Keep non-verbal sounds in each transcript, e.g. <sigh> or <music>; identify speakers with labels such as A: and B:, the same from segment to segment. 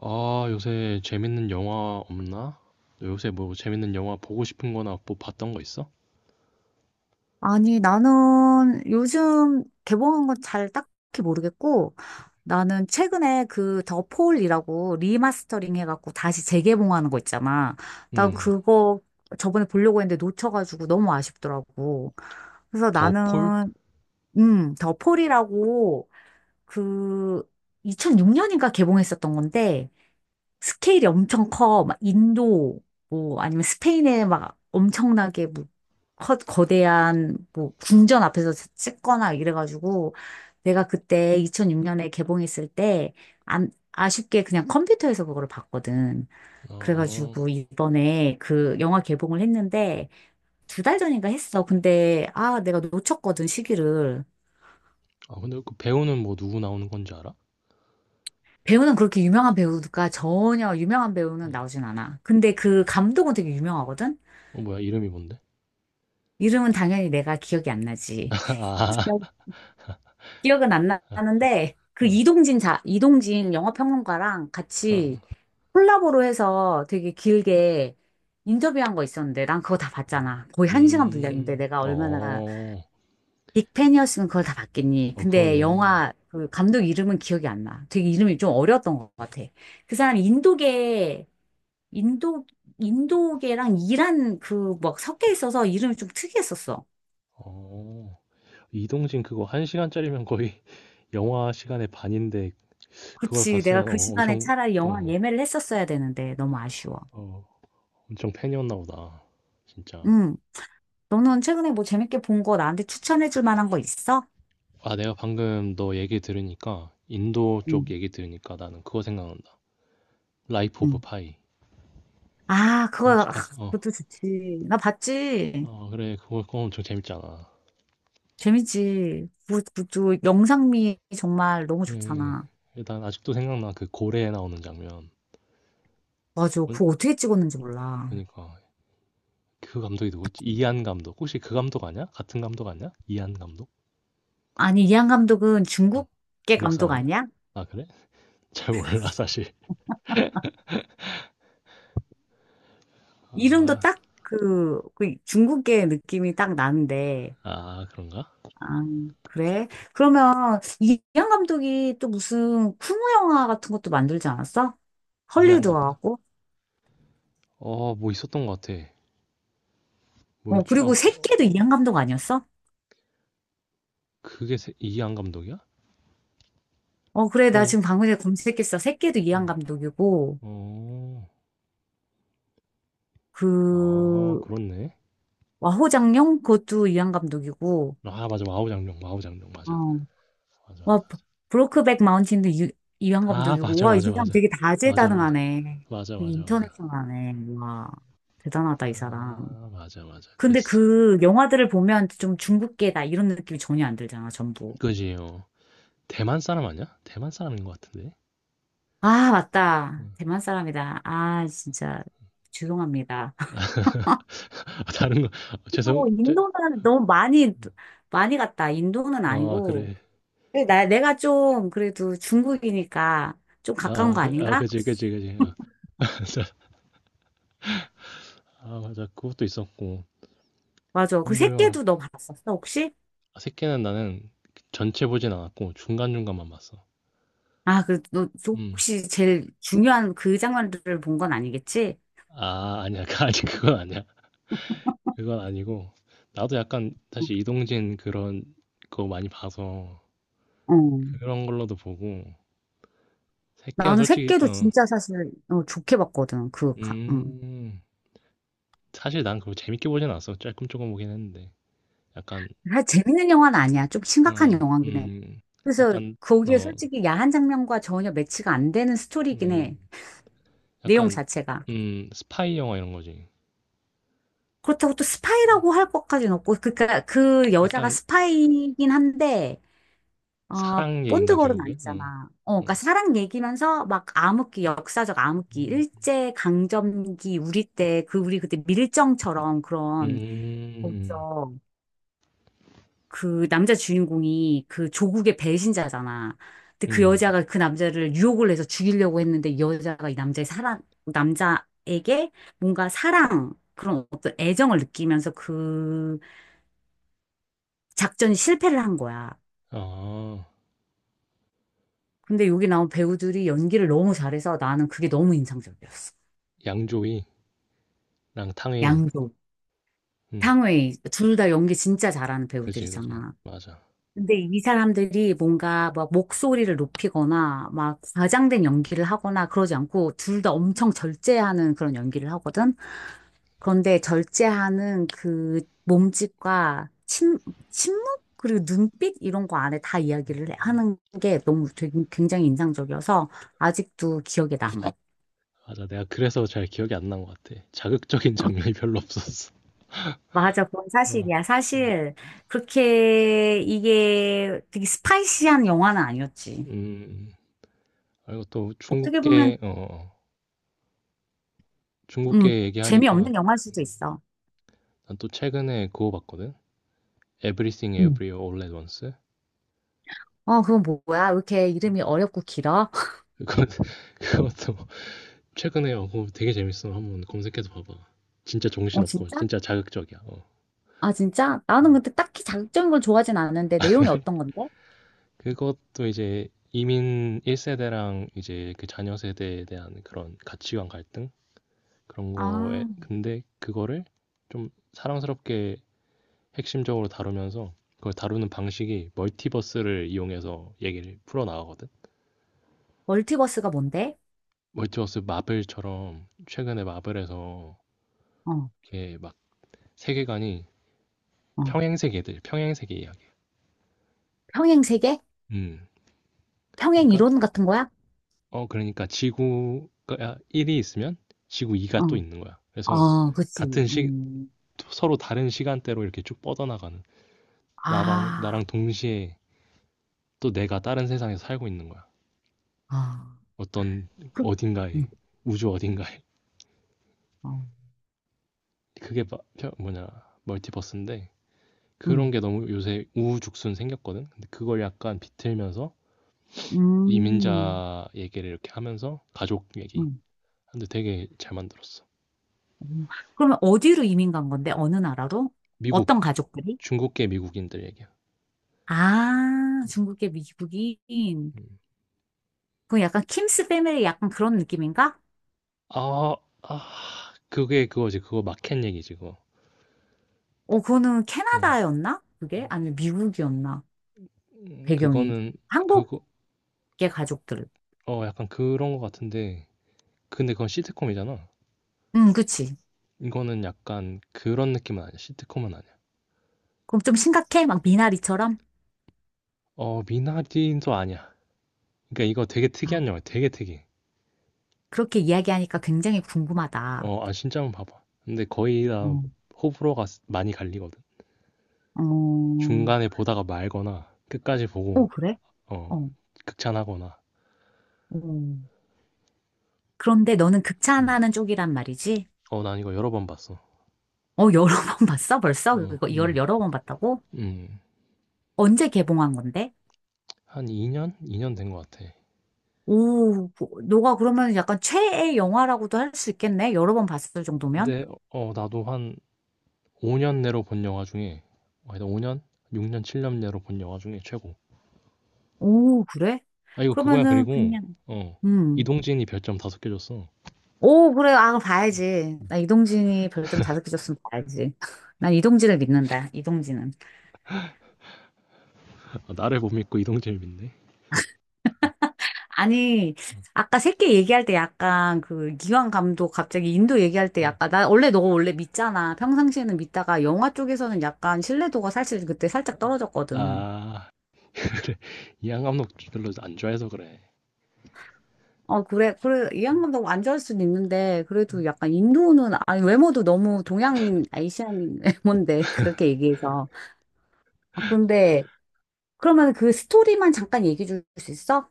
A: 아, 요새 재밌는 영화 없나? 너 요새 뭐 재밌는 영화 보고 싶은 거나 뭐 봤던 거 있어?
B: 아니, 나는 요즘 개봉한 건 잘 딱히 모르겠고, 나는 최근에 그 더 폴이라고 리마스터링 해갖고 다시 재개봉하는 거 있잖아. 난
A: 음,
B: 그거 저번에 보려고 했는데 놓쳐가지고 너무 아쉽더라고. 그래서
A: 더 폴?
B: 나는, 더 폴이라고 그 2006년인가 개봉했었던 건데, 스케일이 엄청 커. 막 인도, 뭐, 아니면 스페인에 막 엄청나게 뭐, 커, 거대한 뭐, 궁전 앞에서 찍거나 이래가지고, 내가 그때 2006년에 개봉했을 때, 안, 아쉽게 그냥 컴퓨터에서 그거를 봤거든.
A: 어,
B: 그래가지고 이번에 그 영화 개봉을 했는데, 두 달 전인가 했어. 근데, 아, 내가 놓쳤거든, 시기를.
A: 아, 근데 그 배우는 뭐 누구 나오는 건지 알아?
B: 배우는 그렇게 유명한 배우가 전혀 유명한 배우는
A: 어,
B: 나오진 않아. 근데 그 감독은 되게 유명하거든?
A: 어, 뭐야, 이름이 뭔데?
B: 이름은 당연히 내가 기억이 안 나지. 기억-
A: <laughs>
B: 기억은 안 나는데
A: 아,
B: 그
A: 어,
B: 이동진 영화평론가랑 같이
A: 어,
B: 콜라보로 해서 되게 길게 인터뷰한 거 있었는데 난 그거 다 봤잖아. 거의 한 시간 분량인데 내가 얼마나
A: 어,
B: 빅팬이었으면 그걸 다 봤겠니.
A: 어,
B: 근데
A: 그러네.
B: 영화 그 감독 이름은 기억이 안 나. 되게 이름이 좀 어려웠던 것 같아. 그 사람이 인도 인도계랑 이란 그 막 섞여 있어서 이름이 좀 특이했었어.
A: 어, 이동진 그거 한 시간짜리면 거의 <laughs> 영화 시간의 반인데 그걸
B: 그치.
A: 봤으면
B: 내가 그 시간에
A: 엄청,
B: 차라리 영화
A: 어,
B: 예매를 했었어야 되는데 너무 아쉬워.
A: 어, 엄청 팬이었나 보다. 진짜.
B: 응. 너는 최근에 뭐 재밌게 본 거 나한테 추천해 줄 만한 거 있어?
A: 아, 내가 방금 너 얘기 들으니까, 인도 쪽
B: 응.
A: 얘기 들으니까 나는 그거 생각난다. 라이프 오브
B: 응.
A: 파이.
B: 아,
A: 어,
B: 그거,
A: 혹시
B: 아,
A: 봤어? 어.
B: 그것도 좋지. 나 봤지.
A: 어, 그래. 그거 엄청 재밌잖아.
B: 재밌지. 그 영상미 정말 너무
A: 그래.
B: 좋잖아.
A: 난 아직도 생각나. 그 고래에 나오는 장면.
B: 맞아.
A: 뭔-
B: 그거 어떻게 찍었는지 몰라.
A: 그니까. 그 감독이 누구지? 이한 감독. 혹시 그 감독 아니야? 같은 감독 아니야? 이한 감독?
B: 아니, 이한 감독은
A: 어.
B: 중국계
A: 중국
B: 감독
A: 사람이야?
B: 아니야?
A: 아, 그래? <laughs> 잘 몰라, 사실.
B: 이름도
A: 아,
B: 딱 그 중국계 느낌이 딱 나는데.
A: 아, 그런가?
B: 아, 그래? 그러면 이양 감독이 또 무슨 쿵우 영화 같은 것도 만들지 않았어?
A: 이한 감독?
B: 헐리우드하고?
A: 어, 뭐 있었던 것 같아.
B: 어,
A: 뭐였지?
B: 그리고
A: 아,
B: 새끼도 이양 감독 아니었어?
A: 그게 이한 감독이야?
B: 어, 그래. 나
A: 그건,
B: 지금 방금 전에 검색했어. 새끼도 이양
A: 어.
B: 감독이고,
A: 어. 아,
B: 그,
A: 그렇네.
B: 와호장룡? 그것도 이양 감독이고,
A: 아, 맞아. 와우장룡, 마우장룡 맞아.
B: 어,
A: 맞아,
B: 와,
A: 맞아.
B: 브로크백 마운틴도 이양
A: 아,
B: 감독이고,
A: 맞아,
B: 와, 이
A: 맞아,
B: 사람
A: 맞아.
B: 되게
A: 맞아, 맞아.
B: 다재다능하네.
A: 맞아,
B: 되게
A: 맞아, 맞아.
B: 인터내셔널하네. 와, 대단하다, 이 사람.
A: 아, 맞아, 맞아.
B: 근데
A: 그랬어.
B: 그 영화들을 보면 좀 중국계다 이런 느낌이 전혀 안 들잖아, 전부.
A: 그지 요. 대만 사람 아니야? 대만 사람인 것 같은데.
B: 아, 맞다.
A: 음.
B: 대만 사람이다. 아, 진짜 죄송합니다. <laughs>
A: 아, 다른 거 <laughs> 죄송.
B: 또
A: 저,
B: 인도는 너무 많이 많이 갔다. 인도는
A: 아,
B: 아니고
A: 그래.
B: 근데 나 내가 좀 그래도 중국이니까 좀 가까운
A: 아,
B: 거
A: 그, 아,
B: 아닌가?
A: 그지, 그지, 그지. 아, <laughs> 맞아. 아, 맞아. 그것도 있었고.
B: 맞아. 그
A: 인도 영화.
B: 새끼도 너 봤었어, 혹시?
A: 아, 새끼는 나는 전체 보진 않았고 중간중간만 봤어.
B: 아, 그, 너,
A: 음.
B: 혹시 제일 중요한 그 장면들을 본 건 아니겠지?
A: 아, 아니야. <laughs> 아직 그건 아니야. 그건 아니고, 나도 약간 사실 이동진 그런 거 많이 봐서
B: 어.
A: 그런 걸로도 보고, 새끼는
B: 나는
A: 솔직히
B: 새끼도 진짜 사실 좋게 봤거든.
A: 음, 사실 난 그거 재밌게 보진 않았어. 조금 조금 보긴 했는데 약간
B: 아, 재밌는 영화는 아니야. 좀 심각한
A: 어,
B: 영화긴 해.
A: 음,
B: 그래서
A: 약간
B: 거기에
A: 어,
B: 솔직히 야한 장면과 전혀 매치가 안 되는 스토리긴 해.
A: 음,
B: 내용
A: 약간
B: 자체가.
A: 스파이 영화 이런 거지.
B: 그렇다고 또
A: 음,
B: 스파이라고 할 것까지는 없고, 그니까 그 여자가
A: 약간
B: 스파이긴 한데, 어,
A: 사랑 얘긴가
B: 본드걸은
A: 결국엔? 어,
B: 아니잖아. 어,
A: 어,
B: 그러니까 사랑 얘기면서 막 암흑기, 역사적 암흑기,
A: 음,
B: 일제 강점기 우리 때 그 우리 그때 밀정처럼 그런
A: 음,
B: 거기서 그 남자 주인공이 그 조국의 배신자잖아. 근데 그
A: 음,
B: 여자가 그 남자를 유혹을 해서 죽이려고 했는데 이 여자가 이 남자의 남자에게 뭔가 사랑, 그런 어떤 애정을 느끼면서 그 작전이 실패를 한 거야.
A: 아,
B: 근데 여기 나온 배우들이 연기를 너무 잘해서 나는 그게 너무 인상적이었어.
A: 양조위랑 탕웨이.
B: 양조,
A: 음.
B: 탕웨이, 둘 다 연기 진짜 잘하는
A: 그지, 그지.
B: 배우들이잖아.
A: 맞아.
B: 근데 이 사람들이 뭔가 막 목소리를 높이거나 막 과장된 연기를 하거나 그러지 않고 둘 다 엄청 절제하는 그런 연기를 하거든. 그런데 절제하는 그 몸짓과 침묵 그리고 눈빛 이런 거 안에 다 하는 게 너무 되게 굉장히 인상적이어서 아직도 기억에 남아.
A: 맞아. 내가 그래서 잘 기억이 안 난 것 같아. 자극적인 장면이 별로 없었어.
B: 맞아, 그건
A: 어,
B: 사실이야.
A: 어.
B: 사실 그렇게 이게 되게 스파이시한 영화는 아니었지.
A: 음, 그리고 또
B: 어떻게 보면
A: 중국계, 어, 어.
B: 음,
A: 중국계 얘기하니까,
B: 재미없는 영화일 수도
A: 음,
B: 있어.
A: 난또 최근에 그거 봤거든? Everything
B: 응.
A: Everywhere All at Once?
B: 어, 그건 뭐야? 왜 이렇게 이름이 어렵고 길어? <laughs>
A: 그거, <laughs> 그것도 최근에, 그거 되게 재밌어. 한번 검색해서 봐봐. 진짜
B: 어,
A: 정신없고,
B: 진짜?
A: 진짜 자극적이야. 어.
B: 아, 진짜? 나는
A: 음.
B: 근데 딱히 자극적인 걸 좋아하진 않는데 내용이 어떤 건데?
A: 그것도 이제 이민 1세대랑 이제 그 자녀 세대에 대한 그런 가치관 갈등? 그런 거에
B: 아,
A: 근데 그거를 좀 사랑스럽게 핵심적으로 다루면서 그걸 다루는 방식이 멀티버스를 이용해서 얘기를 풀어 나가거든.
B: 멀티버스가 뭔데?
A: 멀티버스 마블처럼 최근에 마블에서
B: 어,
A: 이렇게 막 세계관이
B: 어,
A: 평행세계들, 평행세계 이야기.
B: 평행 세계?
A: 음.
B: 평행
A: 그러니까
B: 이론 같은 거야?
A: 그러니까 지구가 1이 있으면 지구 2가
B: 어.
A: 또 있는 거야. 그래서
B: 어 그치.
A: 같은 시 서로 다른 시간대로 이렇게 쭉 뻗어나가는, 나방
B: 아,
A: 나랑 동시에 또 내가 다른 세상에서 살고 있는 거야.
B: 아,
A: 어떤
B: 그, 음
A: 어딘가에, 우주 어딘가에.
B: 어.
A: 그게 뭐냐, 멀티버스인데 그런
B: 음,
A: 게 너무 요새 우후죽순 생겼거든. 근데 그걸 약간 비틀면서
B: 음,
A: 이민자 얘기를 이렇게 하면서, 가족 얘기.
B: 음.
A: 근데 되게 잘 만들었어.
B: 음. 그러면 어디로 이민 간 건데? 어느 나라로?
A: 미국.
B: 어떤 가족들이?
A: 중국계 미국인들 얘기야.
B: 아, 중국계 미국인.
A: 음.
B: 그거 약간 킴스 패밀리 약간 그런 느낌인가?
A: 아, 아, 그게 그거지. 그거 마켓 얘기지, 그거.
B: 어, 그거는
A: 응.
B: 캐나다였나? 그게? 아니면 미국이었나? 배경이.
A: 그거는 그거
B: 한국계 가족들.
A: 어 약간 그런 거 같은데, 근데 그건 시트콤이잖아.
B: 응, 그치.
A: 이거는 약간 그런 느낌은 아니야. 시트콤은 아니야.
B: 그럼 좀 심각해? 막 미나리처럼?
A: 어, 미나딘도 아니야. 그러니까 이거 되게
B: 아,
A: 특이한 영화야. 되게 특이해.
B: 그렇게 이야기하니까 굉장히 궁금하다.
A: 어, 아, 진짜 한번 봐봐. 근데 거의 다
B: 어,
A: 호불호가 많이 갈리거든.
B: 어,
A: 중간에 보다가 말거나 끝까지 보고
B: 그래?
A: 어,
B: 어,
A: 극찬하거나.
B: 어. 그런데 너는
A: 음.
B: 극찬하는 쪽이란 말이지?
A: 어, 난 이거 여러 번 봤어.
B: 어, 여러 <laughs> 번 봤어? 벌써?
A: 어,
B: 이거를 여러 번 봤다고?
A: 음.
B: 언제 개봉한 건데?
A: 한 2년? 2년 된 것 같아.
B: 오, 뭐, 너가 그러면 약간 최애 영화라고도 할 수 있겠네? 여러 번 봤을 정도면?
A: 근데 나도 한 5년 내로 본 영화 중에, 아니 5년? 6년, 7년 내로 본 영화 중에 최고.
B: 오, 그래?
A: 아, 이거 그거야.
B: 그러면은
A: 그리고
B: 그냥,
A: 어
B: 음.
A: 이동진이 별점 5개 줬어.
B: 오, 그래. 아, 그럼 봐야지. 나 이동진이 별점 다섯 개 줬으면 봐야지. <laughs> 난 이동진을 믿는다. 이동진은.
A: 아, 나를 못 믿고 이동진을 믿네.
B: 아니, 아까 새끼 얘기할 때 약간 그 기왕 감독 갑자기 인도 얘기할 때 약간 나 원래 너 원래 믿잖아. 평상시에는 믿다가 영화 쪽에서는 약간 신뢰도가 사실 그때 살짝 떨어졌거든.
A: 아, <laughs> 그래. 이양 감독 별로 안 좋아해서 그래.
B: 어, 그래, 이 양반도 안 좋아할 수는 있는데, 그래도 약간 인도는, 아니, 외모도 너무 동양인, 아시안인 <laughs> 외모인데, 그렇게 얘기해서. 아, 근데, 그러면 그 스토리만 잠깐 얘기해 줄 수 있어?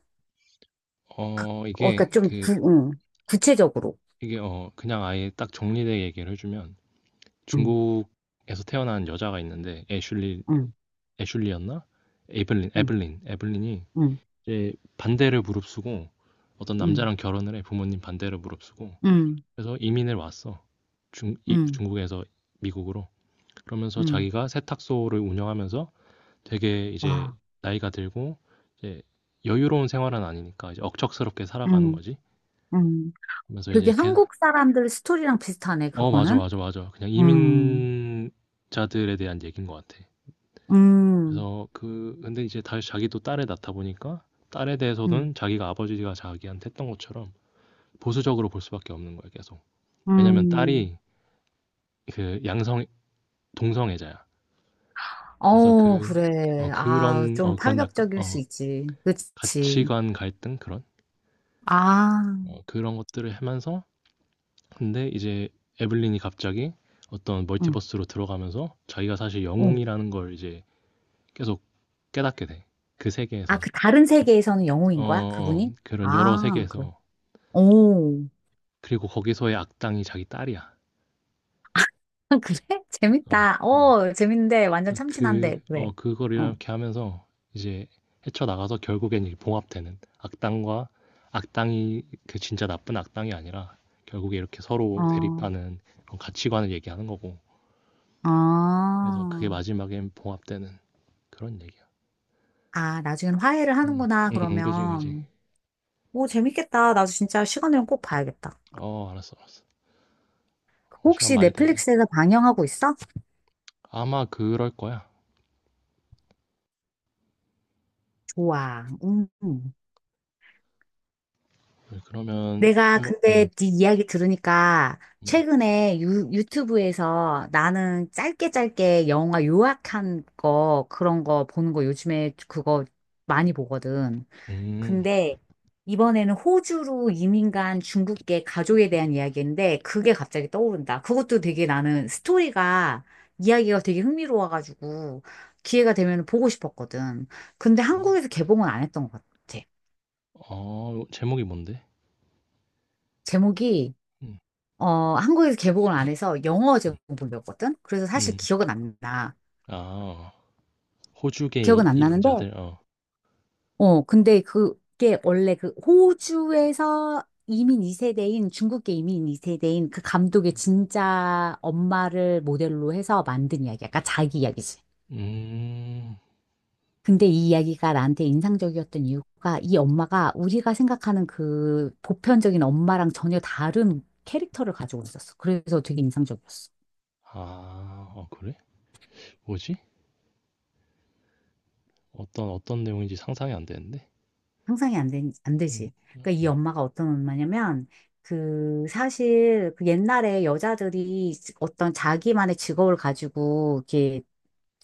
A: 어
B: 어,
A: 이게
B: 그니까
A: 그
B: 응, 구체적으로.
A: 이게 어 그냥 아예 딱 정리돼 얘기를 해주면,
B: 응,
A: 중국에서 태어난 여자가 있는데, 애슐리
B: 응,
A: 애슐리였나 에블린
B: 응,
A: 에블린 에블린이
B: 응,
A: 이제 반대를 무릅쓰고 어떤
B: 응,
A: 남자랑 결혼을 해, 부모님 반대를 무릅쓰고
B: 응,
A: 그래서 이민을 왔어.
B: 응,
A: 중국에서 미국으로. 그러면서
B: 응,
A: 자기가 세탁소를 운영하면서 되게 이제
B: 와,
A: 나이가 들고, 이제 여유로운 생활은 아니니까 이제 억척스럽게 살아가는
B: 응,
A: 거지.
B: 응.
A: 그러면서
B: 되게
A: 이제 걔,
B: 한국 사람들 스토리랑 비슷하네,
A: 어, 맞아,
B: 그거는.
A: 맞아, 맞아. 그냥
B: 음,
A: 이민자들에 대한 얘기인 것 같아.
B: 음,
A: 그래서 근데 이제 다시 자기도 딸을 낳다 보니까 딸에
B: 음,
A: 대해서는 자기가 아버지가 자기한테 했던 것처럼 보수적으로 볼 수밖에 없는 거야, 계속. 왜냐면
B: 음.
A: 딸이 그 동성애자야. 그래서
B: 어,
A: 그
B: 그래. 아,
A: 그런
B: 좀
A: 그런 약간
B: 파격적일 수 있지. 그치.
A: 가치관 갈등 그런
B: 아,
A: 그런 것들을 하면서, 근데 이제 에블린이 갑자기 어떤
B: 응,
A: 멀티버스로 들어가면서 자기가 사실
B: 어.
A: 영웅이라는 걸 이제 계속 깨닫게 돼. 그
B: 아,
A: 세계에선.
B: 그 다른 세계에서는
A: 어,
B: 영웅인 거야?
A: 어,
B: 그분이?
A: 그런 여러
B: 아, 그래.
A: 세계에서.
B: 오,
A: 그리고 거기서의 악당이 자기 딸이야.
B: <laughs> 그래?
A: 어,
B: 재밌다.
A: 어.
B: 어, 재밌는데, 완전 참신한데, 그래.
A: 그걸
B: 어,
A: 이렇게 하면서 이제 헤쳐나가서 결국엔 이 봉합되는 악당과 악당이 그 진짜 나쁜 악당이 아니라 결국에 이렇게 서로
B: 어,
A: 대립하는 그런 가치관을 얘기하는 거고. 그래서 그게
B: 어.
A: 마지막엔 봉합되는 그런 얘기야.
B: 아, 나중엔 화해를
A: 음,
B: 하는구나,
A: 그지, 그지.
B: 그러면. 오, 재밌겠다. 나도 진짜 시간 되면 꼭 봐야겠다.
A: 어, 알았어, 알았어. 어, 시간
B: 혹시
A: 많이 됐네.
B: 넷플릭스에서 방영하고 있어?
A: 아마 그럴 거야.
B: 좋아. 음.
A: 그러면,
B: 내가
A: 한번
B: 근데 네 이야기 들으니까
A: 음,
B: 최근에 유튜브에서 나는 짧게 짧게 영화 요약한 거 그런 거 보는 거 요즘에 그거 많이 보거든.
A: 음,
B: 근데 이번에는 호주로 이민 간 중국계 가족에 대한 이야기인데 그게 갑자기 떠오른다. 그것도 되게 나는 스토리가 이야기가 되게 흥미로워가지고 기회가 되면 보고 싶었거든. 근데
A: 어,
B: 한국에서 개봉은 안 했던 것 같아.
A: 제목이 뭔데?
B: 제목이
A: 음,
B: 어, 한국에서 개봉을 안 해서 영어
A: 음,
B: 제목이었거든? 그래서 사실
A: 음.
B: 기억은 안 나.
A: 아, 호주계
B: 기억은 안 나는데,
A: 이민자들, 어.
B: 어, 근데 그게 원래 그 호주에서 중국계 이민 2세대인 그 감독의 진짜 엄마를 모델로 해서 만든 이야기야. 그러니까 자기 이야기지.
A: 음.
B: 근데 이 이야기가 나한테 인상적이었던 이유가 이 엄마가 우리가 생각하는 그 보편적인 엄마랑 전혀 다른 캐릭터를 가지고 있었어. 그래서 되게 인상적이었어.
A: 아. 어, 그래? 뭐지? 어떤 내용인지 상상이 안 되는데.
B: 상상이 안 되, 안
A: 음.
B: 되지. 그러니까 이 엄마가 어떤 엄마냐면 그 사실 그 옛날에 여자들이 어떤 자기만의 직업을 가지고 이렇게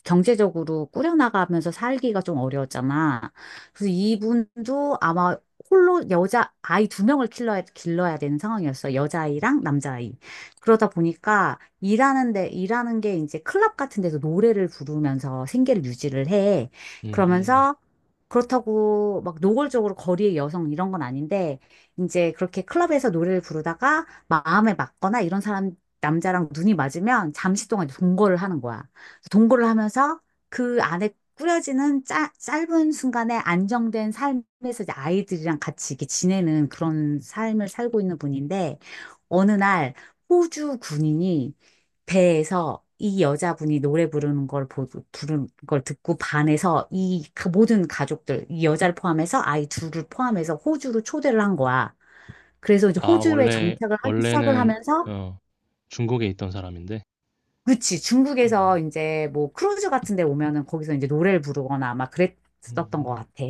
B: 경제적으로 꾸려나가면서 살기가 좀 어려웠잖아. 그래서 이분도 아마 홀로 여자 아이 두 명을 길러야 되는 상황이었어. 여자아이랑 남자아이. 그러다 보니까 일하는데, 일하는 게 이제 클럽 같은 데서 노래를 부르면서 생계를 유지를 해.
A: 음.
B: 그러면서 그렇다고 막 노골적으로 거리의 여성 이런 건 아닌데 이제 그렇게 클럽에서 노래를 부르다가 마음에 맞거나 이런 사람 남자랑 눈이 맞으면 잠시 동안 동거를 하는 거야. 동거를 하면서 그 안에 꾸려지는 짧은 순간에 안정된 삶에서 이제 아이들이랑 같이 이렇게 지내는 그런 삶을 살고 있는 분인데 어느 날 호주 군인이 배에서 이 여자분이 노래 부르는 걸 보, 부르는 걸 듣고 반해서 모든 가족들, 이 여자를 포함해서 아이 둘을 포함해서 호주로 초대를 한 거야. 그래서 이제
A: 아,
B: 호주에
A: 원래
B: 정착을 하기 시작을
A: 원래는
B: 하면서,
A: 어 중국에 있던 사람인데.
B: 그치,
A: 아.
B: 중국에서 이제 뭐 크루즈 같은 데 오면은 거기서 이제 노래를 부르거나 막 그랬었던 것
A: 음음.
B: 같아.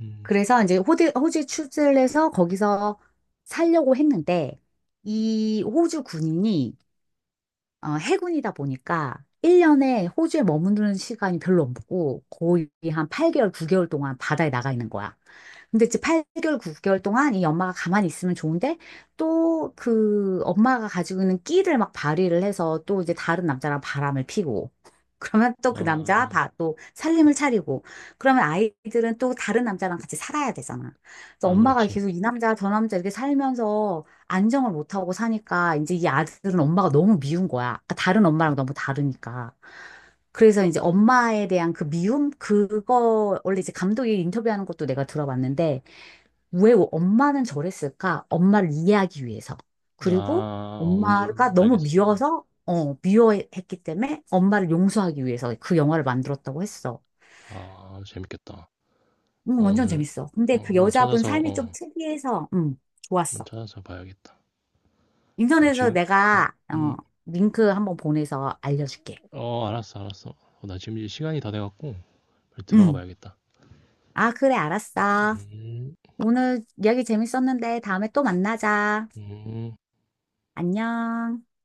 A: 음. 음.
B: 그래서 이제 호주에 출세를 해서 거기서 살려고 했는데, 이 호주 군인이 어, 해군이다 보니까 1년에 호주에 머무는 시간이 별로 없고 거의 한 8개월, 9개월 동안 바다에 나가 있는 거야. 근데 이제 8개월, 9개월 동안 이 엄마가 가만히 있으면 좋은데 또 그 엄마가 가지고 있는 끼를 막 발휘를 해서 또 이제 다른 남자랑 바람을 피고 <laughs> 그러면 또 그
A: 아.
B: 또 살림을 차리고 그러면 아이들은 또 다른 남자랑 같이 살아야 되잖아. 그래서
A: 아,
B: 엄마가
A: 그렇지.
B: 계속 이 남자 저 남자 이렇게 살면서 안정을 못 하고 사니까 이제 이 아들은 엄마가 너무 미운 거야. 그러니까 다른 엄마랑 너무 다르니까. 그래서 이제 엄마에 대한 그 미움? 그거, 원래 이제 감독이 인터뷰하는 것도 내가 들어봤는데, 왜 엄마는 저랬을까? 엄마를 이해하기 위해서. 그리고
A: 아, 뭔지
B: 엄마가 너무
A: 알겠어.
B: 미워서, 어, 미워했기 때문에 엄마를 용서하기 위해서 그 영화를 만들었다고 했어.
A: 아, 재밌겠다. 어,
B: 완전
A: 오늘
B: 재밌어. 근데
A: 어
B: 그
A: 한번
B: 여자분
A: 찾아서
B: 삶이 좀
A: 어
B: 특이해서,
A: 한번
B: 좋았어.
A: 찾아서 봐야겠다. 나
B: 인터넷에서
A: 지금 어
B: 내가,
A: 음.
B: 어, 링크 한번 보내서 알려줄게.
A: 어, 알았어, 알았어. 나 지금 이제 시간이 다 돼 갖고 빨리 들어가
B: 음.
A: 봐야겠다.
B: 아, 그래, 알았어.
A: 음.
B: 오늘 이야기 재밌었는데 다음에 또 만나자.
A: 음.
B: 안녕.